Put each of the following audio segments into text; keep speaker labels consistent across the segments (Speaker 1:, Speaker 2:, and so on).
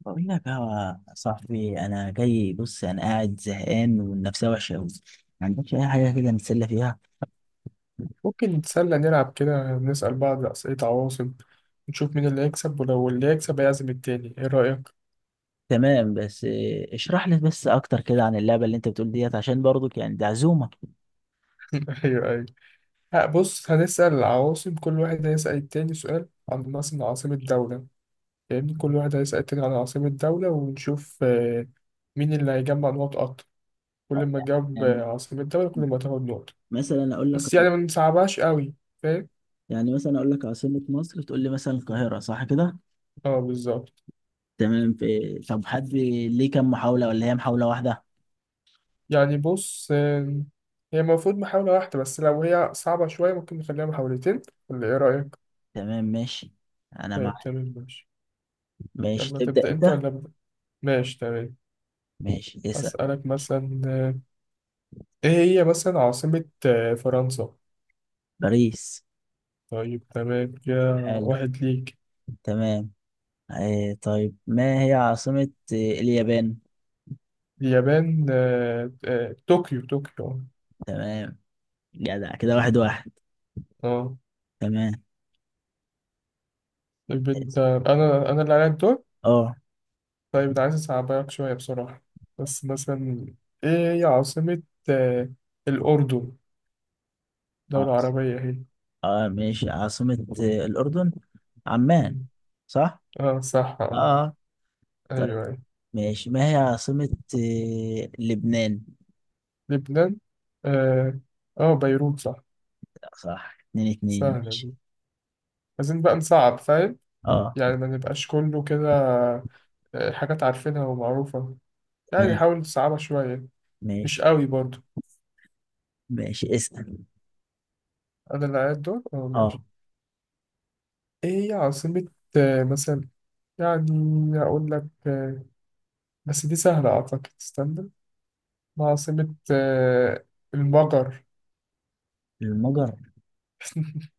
Speaker 1: بقول لك يا صاحبي، انا جاي. بص انا قاعد زهقان والنفسيه وحشه قوي. ما عندكش اي حاجه كده نتسلى فيها؟
Speaker 2: ممكن نتسلى نلعب كده نسأل بعض أسئلة عواصم. نشوف مين اللي هيكسب ولو اللي هيكسب هيعزم التاني، ايه رأيك؟
Speaker 1: تمام، بس اشرح لي بس اكتر كده عن اللعبه اللي انت بتقول ديت، عشان برضك يعني دي عزومه.
Speaker 2: ايوه ايوه. ها بص، هنسأل العواصم. كل واحد هيسأل التاني سؤال عن مثلا عاصمة دولة. يعني كل واحد هيسأل التاني عن عاصمة دولة ونشوف مين اللي هيجمع نقط أكتر. كل ما تجاوب
Speaker 1: يعني
Speaker 2: عاصمة دولة كل ما تاخد نقطة.
Speaker 1: مثلا اقول لك
Speaker 2: بس يعني ما نصعبهاش قوي، فاهم؟
Speaker 1: يعني مثلا اقول لك عاصمه مصر تقول لي مثلا القاهره، صح كده؟
Speaker 2: اه، بالظبط.
Speaker 1: تمام. في طب حد ليه كام محاوله ولا هي محاوله واحده؟
Speaker 2: يعني بص، هي المفروض محاولة واحدة بس لو هي صعبة شوية ممكن نخليها محاولتين، ولا ايه رأيك؟
Speaker 1: تمام ماشي. انا
Speaker 2: طيب،
Speaker 1: معاك.
Speaker 2: تمام ماشي.
Speaker 1: ماشي
Speaker 2: يلا
Speaker 1: تبدا
Speaker 2: تبدأ أنت
Speaker 1: انت.
Speaker 2: ولا أبدأ؟ ماشي تمام.
Speaker 1: ماشي اسال.
Speaker 2: أسألك مثلا، إيه هي مثلا عاصمة فرنسا؟
Speaker 1: باريس.
Speaker 2: طيب تمام، كده
Speaker 1: حلو.
Speaker 2: واحد ليك.
Speaker 1: تمام. إيه طيب، ما هي عاصمة اليابان؟
Speaker 2: اليابان طوكيو طوكيو.
Speaker 1: تمام. جدع كده، واحد واحد.
Speaker 2: اه،
Speaker 1: تمام.
Speaker 2: طيب أنت. أنا اللي عليا الدور.
Speaker 1: اه.
Speaker 2: طيب أنا عايز أصعبك شوية بصراحة، بس مثلا إيه هي عاصمة آه، الأردن؟ دولة
Speaker 1: عاص-
Speaker 2: عربية هي.
Speaker 1: اه ماشي، عاصمة الأردن. عمان.
Speaker 2: مم.
Speaker 1: صح.
Speaker 2: اه صح اه.
Speaker 1: اه.
Speaker 2: أيوه
Speaker 1: طيب
Speaker 2: أيوه.
Speaker 1: ماشي، ما هي عاصمة لبنان؟
Speaker 2: لبنان، اه بيروت صح.
Speaker 1: صح. اتنين اتنين.
Speaker 2: سهلة
Speaker 1: ماشي.
Speaker 2: دي، عايزين بقى نصعب، فاهم؟
Speaker 1: اه.
Speaker 2: يعني ما نبقاش كله كده، حاجات عارفينها ومعروفة. يعني
Speaker 1: تمام.
Speaker 2: نحاول نصعبها شوية، مش
Speaker 1: ماشي.
Speaker 2: قوي برضو.
Speaker 1: ماشي اسأل.
Speaker 2: أنا اللي قاعد دور،
Speaker 1: اه.
Speaker 2: ماشي. إيه هي عاصمة مثلا، يعني أقول لك، بس دي سهلة أعتقد، استنى. ما عاصمة المجر.
Speaker 1: المجر؟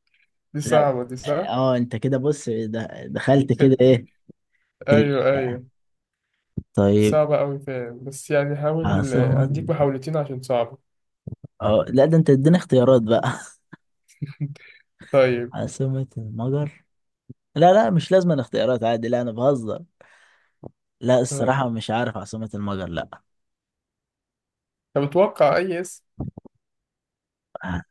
Speaker 2: دي
Speaker 1: لا.
Speaker 2: صعبة دي
Speaker 1: اه
Speaker 2: صح؟
Speaker 1: انت كده، بص دخلت كده ايه في ال-
Speaker 2: أيوه أيوه،
Speaker 1: طيب.
Speaker 2: صعبة أوي، فاهم؟ بس يعني حاول،
Speaker 1: عاصمة.
Speaker 2: أديك محاولتين عشان صعبة.
Speaker 1: اه لا، ده انت اديني اختيارات بقى.
Speaker 2: طيب.
Speaker 1: عاصمة المجر. لا لا، مش لازم الاختيارات، عادي. لا انا بهزر. لا
Speaker 2: آه.
Speaker 1: الصراحة مش عارف عاصمة المجر. لا.
Speaker 2: طب اتوقع أي اسم.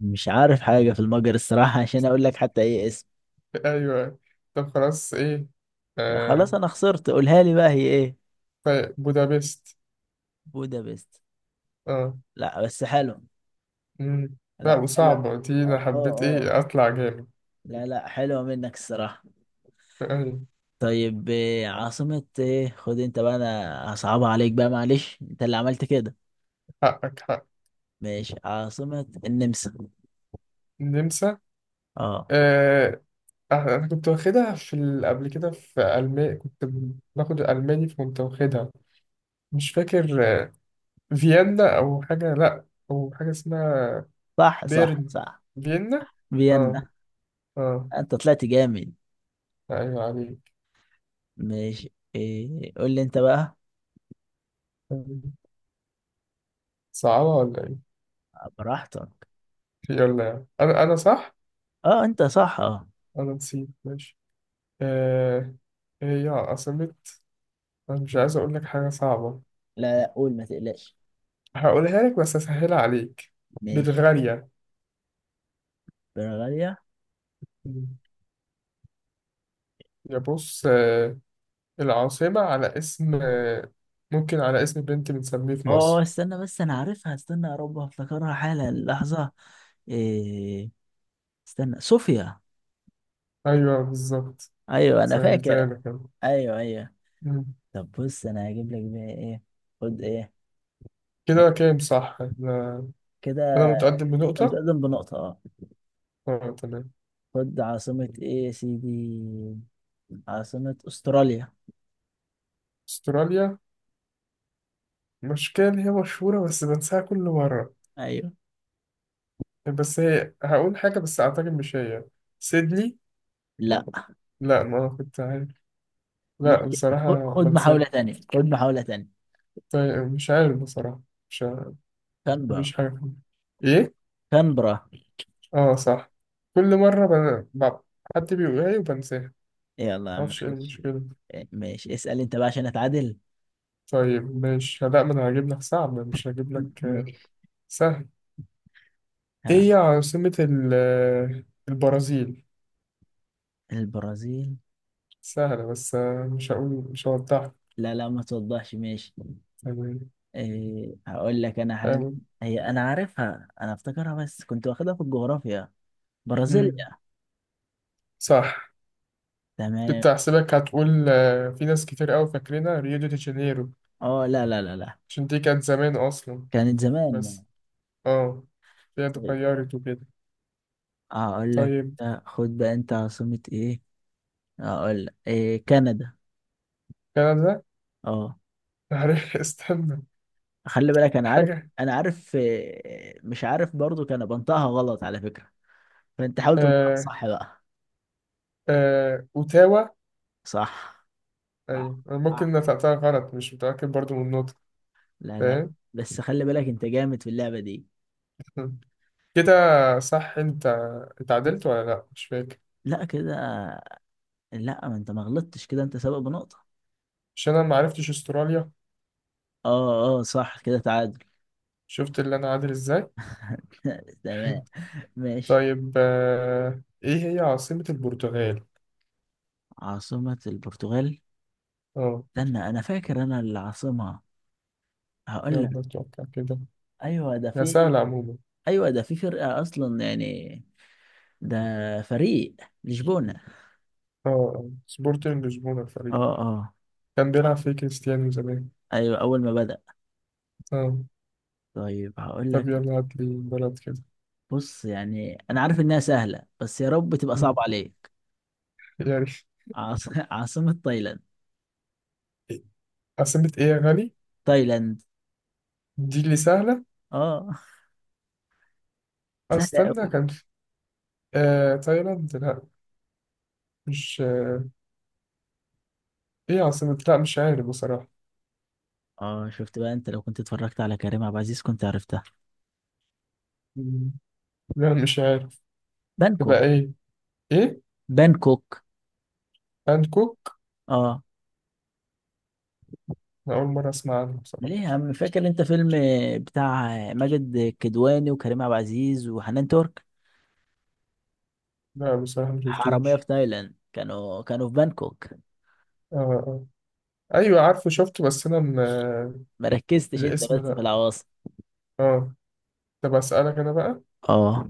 Speaker 1: مش عارف حاجة في المجر الصراحة عشان اقول لك حتى ايه اسم.
Speaker 2: ايوه. طب خلاص ايه. آه.
Speaker 1: خلاص انا خسرت، قولها لي بقى، هي ايه؟
Speaker 2: طيب بودابست.
Speaker 1: بودابست.
Speaker 2: اه.
Speaker 1: لا بس حلو.
Speaker 2: مم. لا
Speaker 1: لا حلو.
Speaker 2: وصعبة دي،
Speaker 1: اه
Speaker 2: انا
Speaker 1: اه
Speaker 2: حبيت
Speaker 1: آه.
Speaker 2: ايه اطلع جامد.
Speaker 1: لا لا، حلوة منك الصراحة.
Speaker 2: ايوه،
Speaker 1: طيب إيه عاصمة ايه، خد انت بقى، انا هصعبها عليك بقى، معلش انت اللي عملت كده.
Speaker 2: حقك حق.
Speaker 1: ماشي. عاصمة النمسا.
Speaker 2: النمسا.
Speaker 1: اه
Speaker 2: آه. انا كنت واخدها في قبل كده، في المانيا كنت باخد الالماني فكنت واخدها. مش فاكر، فيينا او حاجة، لا او حاجة اسمها
Speaker 1: صح صح
Speaker 2: بيرن،
Speaker 1: صح.
Speaker 2: فيينا. اه،
Speaker 1: فيينا.
Speaker 2: اه.
Speaker 1: انت طلعت جامد.
Speaker 2: ايوه عليك.
Speaker 1: ماشي، إيه قول لي انت بقى.
Speaker 2: صعبة ولا ايه؟
Speaker 1: براحتك.
Speaker 2: يلا يا عم. انا صح.
Speaker 1: اه انت صح اه.
Speaker 2: انا نسيت، ماشي. آه هي عاصمة، انا مش عايز اقول لك حاجة صعبة.
Speaker 1: لا لا، قول ما تقلقش.
Speaker 2: هقولها لك بس اسهلها عليك.
Speaker 1: ماشي.
Speaker 2: بلغاريا.
Speaker 1: برغاليا.
Speaker 2: مم. يا بص، العاصمة على اسم، ممكن على اسم بنت بنسميه في
Speaker 1: اه اه،
Speaker 2: مصر.
Speaker 1: استنى بس انا عارفها، استنى يا رب افتكرها حالا لحظة. إيه. استنى. صوفيا.
Speaker 2: ايوه بالظبط.
Speaker 1: ايوه انا فاكر.
Speaker 2: سهلتها لك أنا.
Speaker 1: ايوه ايوه.
Speaker 2: مم.
Speaker 1: طب بص، انا هجيب لك بقى ايه، خد ايه.
Speaker 2: كده كام صح انا؟
Speaker 1: كده.
Speaker 2: أنا متقدم
Speaker 1: انت
Speaker 2: بنقطة.
Speaker 1: متقدم بنقطة، اه.
Speaker 2: اه تمام.
Speaker 1: خد عاصمة ايه يا سيدي. عاصمة استراليا.
Speaker 2: استراليا. مشكلة إن هي مشهورة بس بنساها كل مرة.
Speaker 1: ايوه.
Speaker 2: بس هي هقول حاجة بس اعتقد مش هي، سيدني.
Speaker 1: لا.
Speaker 2: لا ما كنت عارف. لا
Speaker 1: ماشي،
Speaker 2: بصراحة
Speaker 1: خد محاولة
Speaker 2: بنساها.
Speaker 1: تانية، خد محاولة تانية.
Speaker 2: طيب مش عارف بصراحة. مش عارف.
Speaker 1: كانبرا.
Speaker 2: مفيش حاجة فيه. ايه؟
Speaker 1: كانبرا.
Speaker 2: اه صح. كل مرة حد بيقولها لي وبنساها.
Speaker 1: يلا
Speaker 2: معرفش ايه
Speaker 1: معلش.
Speaker 2: المشكلة.
Speaker 1: ماشي اسأل انت بقى عشان اتعادل.
Speaker 2: طيب مش، لا، ما انا هجيب لك صعب، مش هجيب لك
Speaker 1: ماشي.
Speaker 2: سهل. ايه
Speaker 1: ها.
Speaker 2: هي عاصمة ال... آه، البرازيل.
Speaker 1: البرازيل.
Speaker 2: سهلة بس، مش هقول، مش هوضحها
Speaker 1: لا لا، ما توضحش. ماشي.
Speaker 2: يعني،
Speaker 1: إيه هقول لك انا حاجة.
Speaker 2: فاهم؟
Speaker 1: هي انا عارفها، انا افتكرها بس كنت واخدها في الجغرافيا.
Speaker 2: مم.
Speaker 1: برازيليا.
Speaker 2: صح.
Speaker 1: تمام.
Speaker 2: كنت هحسبك هتقول، في ناس كتير قوي فاكرينها ريو دي جانيرو،
Speaker 1: اه لا لا لا لا.
Speaker 2: عشان دي كانت زمان أصلا
Speaker 1: كانت زمان.
Speaker 2: بس اه دي
Speaker 1: طيب
Speaker 2: اتغيرت وكده.
Speaker 1: هقول لك،
Speaker 2: طيب،
Speaker 1: خد بقى انت عاصمة ايه، هقول لك إيه، كندا.
Speaker 2: كندا.
Speaker 1: اه.
Speaker 2: عارف. استنى
Speaker 1: خلي بالك انا عارف.
Speaker 2: حاجة.
Speaker 1: انا عارف مش عارف برضو، كان بنطقها غلط على فكرة، فانت حاول تنطقها
Speaker 2: آه
Speaker 1: صح بقى.
Speaker 2: أوتاوا.
Speaker 1: صح
Speaker 2: أيوة،
Speaker 1: صح
Speaker 2: أنا ممكن
Speaker 1: صح.
Speaker 2: نطقتها غلط، مش متأكد برضو من النطق،
Speaker 1: لا لا،
Speaker 2: فاهم.
Speaker 1: بس خلي بالك انت جامد في اللعبة دي.
Speaker 2: كده صح؟ أنت اتعدلت ولا لأ، مش فاكر.
Speaker 1: لا كده. لا ما انت ما غلطتش كده، انت سابق بنقطة.
Speaker 2: عشان أنا معرفتش أستراليا.
Speaker 1: اه اه صح، كده تعادل.
Speaker 2: شفت اللي أنا عادل إزاي.
Speaker 1: تمام. ماشي.
Speaker 2: طيب، إيه هي عاصمة البرتغال؟
Speaker 1: عاصمة البرتغال.
Speaker 2: اه.
Speaker 1: استنى انا فاكر انا العاصمة، هقول لك.
Speaker 2: يلا اتوقع كده،
Speaker 1: ايوه ده
Speaker 2: يا
Speaker 1: في،
Speaker 2: سهلة عموما.
Speaker 1: ايوه ده في فرقة اصلا يعني. ده فريق، لشبونة.
Speaker 2: اه، سبورتنج لشبونة
Speaker 1: اه
Speaker 2: الفريق،
Speaker 1: اه.
Speaker 2: كان بيلعب فيه كريستيانو زمان.
Speaker 1: ايوه اول ما بدأ.
Speaker 2: اه.
Speaker 1: طيب هقول لك.
Speaker 2: طب يلا هات لي بلد كده.
Speaker 1: بص يعني انا عارف انها سهلة بس يا رب تبقى
Speaker 2: مم.
Speaker 1: صعبة عليك.
Speaker 2: يعني
Speaker 1: عاصمة تايلاند.
Speaker 2: عاصمة ايه يا غالي؟
Speaker 1: تايلاند.
Speaker 2: دي اللي سهلة.
Speaker 1: اه. سهلة
Speaker 2: استنى
Speaker 1: قوي.
Speaker 2: كان في، تايلاند، لا. مش ايه عاصمة، لا مش عارف بصراحة.
Speaker 1: اه شفت بقى، انت لو كنت اتفرجت على كريم عبد العزيز كنت عرفتها.
Speaker 2: مم. لا مش عارف.
Speaker 1: بانكوك.
Speaker 2: تبقى ايه؟ ايه؟
Speaker 1: بانكوك.
Speaker 2: بانكوك؟
Speaker 1: اه.
Speaker 2: أنا أول مرة أسمع عنه بصراحة.
Speaker 1: ليه يا عم، فاكر انت فيلم بتاع ماجد كدواني وكريم عبد العزيز وحنان ترك،
Speaker 2: لا بصراحة
Speaker 1: حرامية
Speaker 2: مشفتوش.
Speaker 1: في تايلاند، كانوا في بانكوك.
Speaker 2: اه اه. أيوة عارفه، شفته، بس أنا م... آه،
Speaker 1: مركزتش انت
Speaker 2: الاسم،
Speaker 1: بس في
Speaker 2: لا.
Speaker 1: العواصم.
Speaker 2: اه. طب أسألك أنا بقى.
Speaker 1: اه.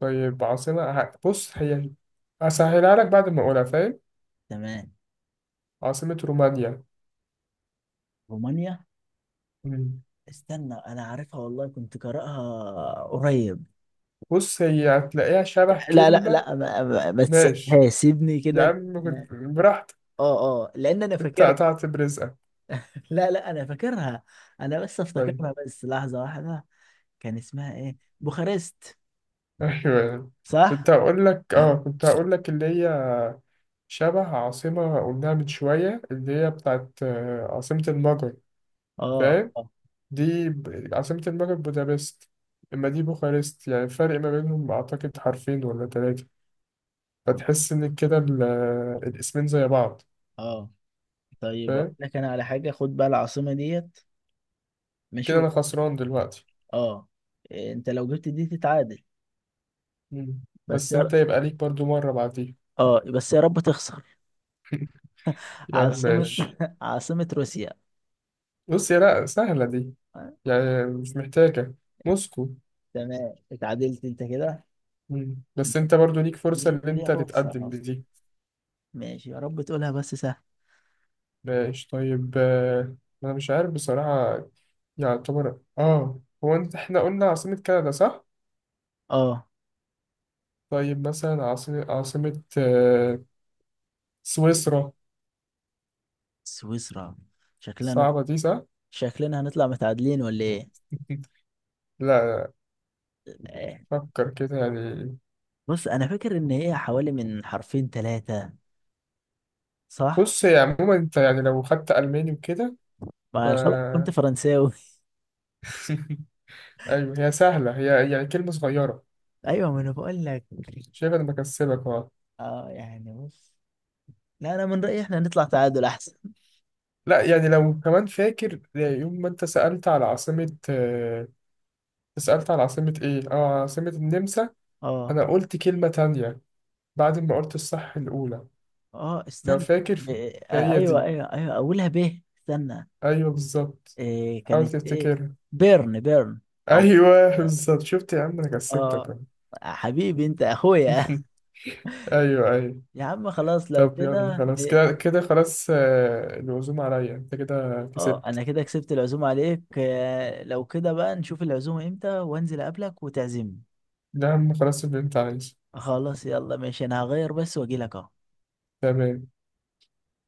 Speaker 2: طيب عاصمة بص هي، أسهلها لك بعد ما أقولها، فاهم؟
Speaker 1: تمام.
Speaker 2: عاصمة رومانيا.
Speaker 1: رومانيا.
Speaker 2: مم.
Speaker 1: استنى انا عارفها والله، كنت قارئها قريب.
Speaker 2: بص هي هتلاقيها شبه
Speaker 1: لا لا
Speaker 2: كلمة.
Speaker 1: لا، ما
Speaker 2: ماشي.
Speaker 1: تسيبها، سيبني
Speaker 2: يا
Speaker 1: كده.
Speaker 2: عم براحتك.
Speaker 1: اه اه، لان انا
Speaker 2: أنت
Speaker 1: فاكرها.
Speaker 2: قطعت برزقك.
Speaker 1: لا لا انا فاكرها. انا بس
Speaker 2: طيب.
Speaker 1: افتكرها، بس لحظة واحدة. كان اسمها ايه، بوخارست.
Speaker 2: أيوه.
Speaker 1: صح.
Speaker 2: كنت هقول لك اللي هي شبه عاصمة قلناها من شوية، اللي هي بتاعت عاصمة المجر،
Speaker 1: اه
Speaker 2: فاهم.
Speaker 1: اه.
Speaker 2: دي عاصمة المجر بودابست، إما دي بوخارست. يعني الفرق ما بينهم أعتقد حرفين ولا تلاتة.
Speaker 1: طب-
Speaker 2: فتحس ان كده الاسمين زي بعض،
Speaker 1: اه طيب، أقول
Speaker 2: فاهم.
Speaker 1: لك انا على حاجة، خد بقى العاصمة ديت. ماشي.
Speaker 2: كده انا خسران دلوقتي.
Speaker 1: اه. إيه، انت لو جبت دي تتعادل.
Speaker 2: مم.
Speaker 1: بس
Speaker 2: بس
Speaker 1: يا
Speaker 2: انت
Speaker 1: ر-
Speaker 2: يبقى ليك برضو مرة بعديها،
Speaker 1: اه بس يا رب تخسر.
Speaker 2: يعني
Speaker 1: عاصمة
Speaker 2: ماشي.
Speaker 1: عاصمة روسيا.
Speaker 2: بص يا، لا سهلة دي،
Speaker 1: آه.
Speaker 2: يعني مش محتاجة. موسكو.
Speaker 1: تمام اتعادلت انت كده.
Speaker 2: مم. بس
Speaker 1: ماشي.
Speaker 2: انت برضو ليك فرصة ان
Speaker 1: ليه ليه
Speaker 2: انت
Speaker 1: فرصة
Speaker 2: تتقدم
Speaker 1: أصلا.
Speaker 2: بدي.
Speaker 1: ماشي، يا رب تقولها بس سهل.
Speaker 2: ماشي طيب، انا مش عارف بصراحة يعني. يعتبر، هو انت، احنا قلنا عاصمة كندا صح؟
Speaker 1: اه.
Speaker 2: طيب مثلا عاصمة سويسرا.
Speaker 1: سويسرا. شكلنا نط...
Speaker 2: صعبة دي صح؟
Speaker 1: شكلنا هنطلع متعادلين ولا ايه؟
Speaker 2: لا،
Speaker 1: إيه.
Speaker 2: فكر كده يعني.
Speaker 1: بص انا فاكر ان هي حوالي من حرفين ثلاثة. صح.
Speaker 2: بص هي عموما انت يعني لو خدت ألماني وكده ف
Speaker 1: ما الخبر كنت فرنساوي.
Speaker 2: ايوه هي سهلة، هي يعني كلمة صغيرة.
Speaker 1: ايوه ما انا بقول لك.
Speaker 2: شايف انا بكسبك، اه.
Speaker 1: اه يعني بص، لا انا من رأيي احنا نطلع تعادل احسن.
Speaker 2: لا يعني لو كمان فاكر يوم ما انت سألت على عاصمة سألت على عاصمة ايه، عاصمة النمسا، انا
Speaker 1: اه
Speaker 2: قلت كلمة تانية بعد ما قلت الصح الأولى،
Speaker 1: اه
Speaker 2: لو
Speaker 1: استنى.
Speaker 2: فاكر
Speaker 1: ب... آه
Speaker 2: فهي
Speaker 1: ايوه
Speaker 2: دي.
Speaker 1: ايوه ايوه، اولها ب. استنى.
Speaker 2: ايوه بالظبط.
Speaker 1: إيه
Speaker 2: حاول
Speaker 1: كانت ايه؟
Speaker 2: تفتكرها.
Speaker 1: بيرن. بيرن. او.
Speaker 2: ايوه بالظبط، شفت يا عم انا كسبتك
Speaker 1: اه.
Speaker 2: أهو.
Speaker 1: حبيبي انت اخويا.
Speaker 2: ايوه ايوه.
Speaker 1: يا عم خلاص، لو
Speaker 2: طب يلا
Speaker 1: كده
Speaker 2: خلاص، كده كده خلاص، العزومة عليا، انت كده
Speaker 1: اه
Speaker 2: كسبت.
Speaker 1: انا كده كسبت العزومة عليك. لو كده بقى نشوف العزومة امتى، وانزل اقابلك وتعزمني.
Speaker 2: ده يا عم خلاص اللي انت عايزه.
Speaker 1: خلاص يلا ماشي، انا هغير بس واجيلك اهو.
Speaker 2: تمام.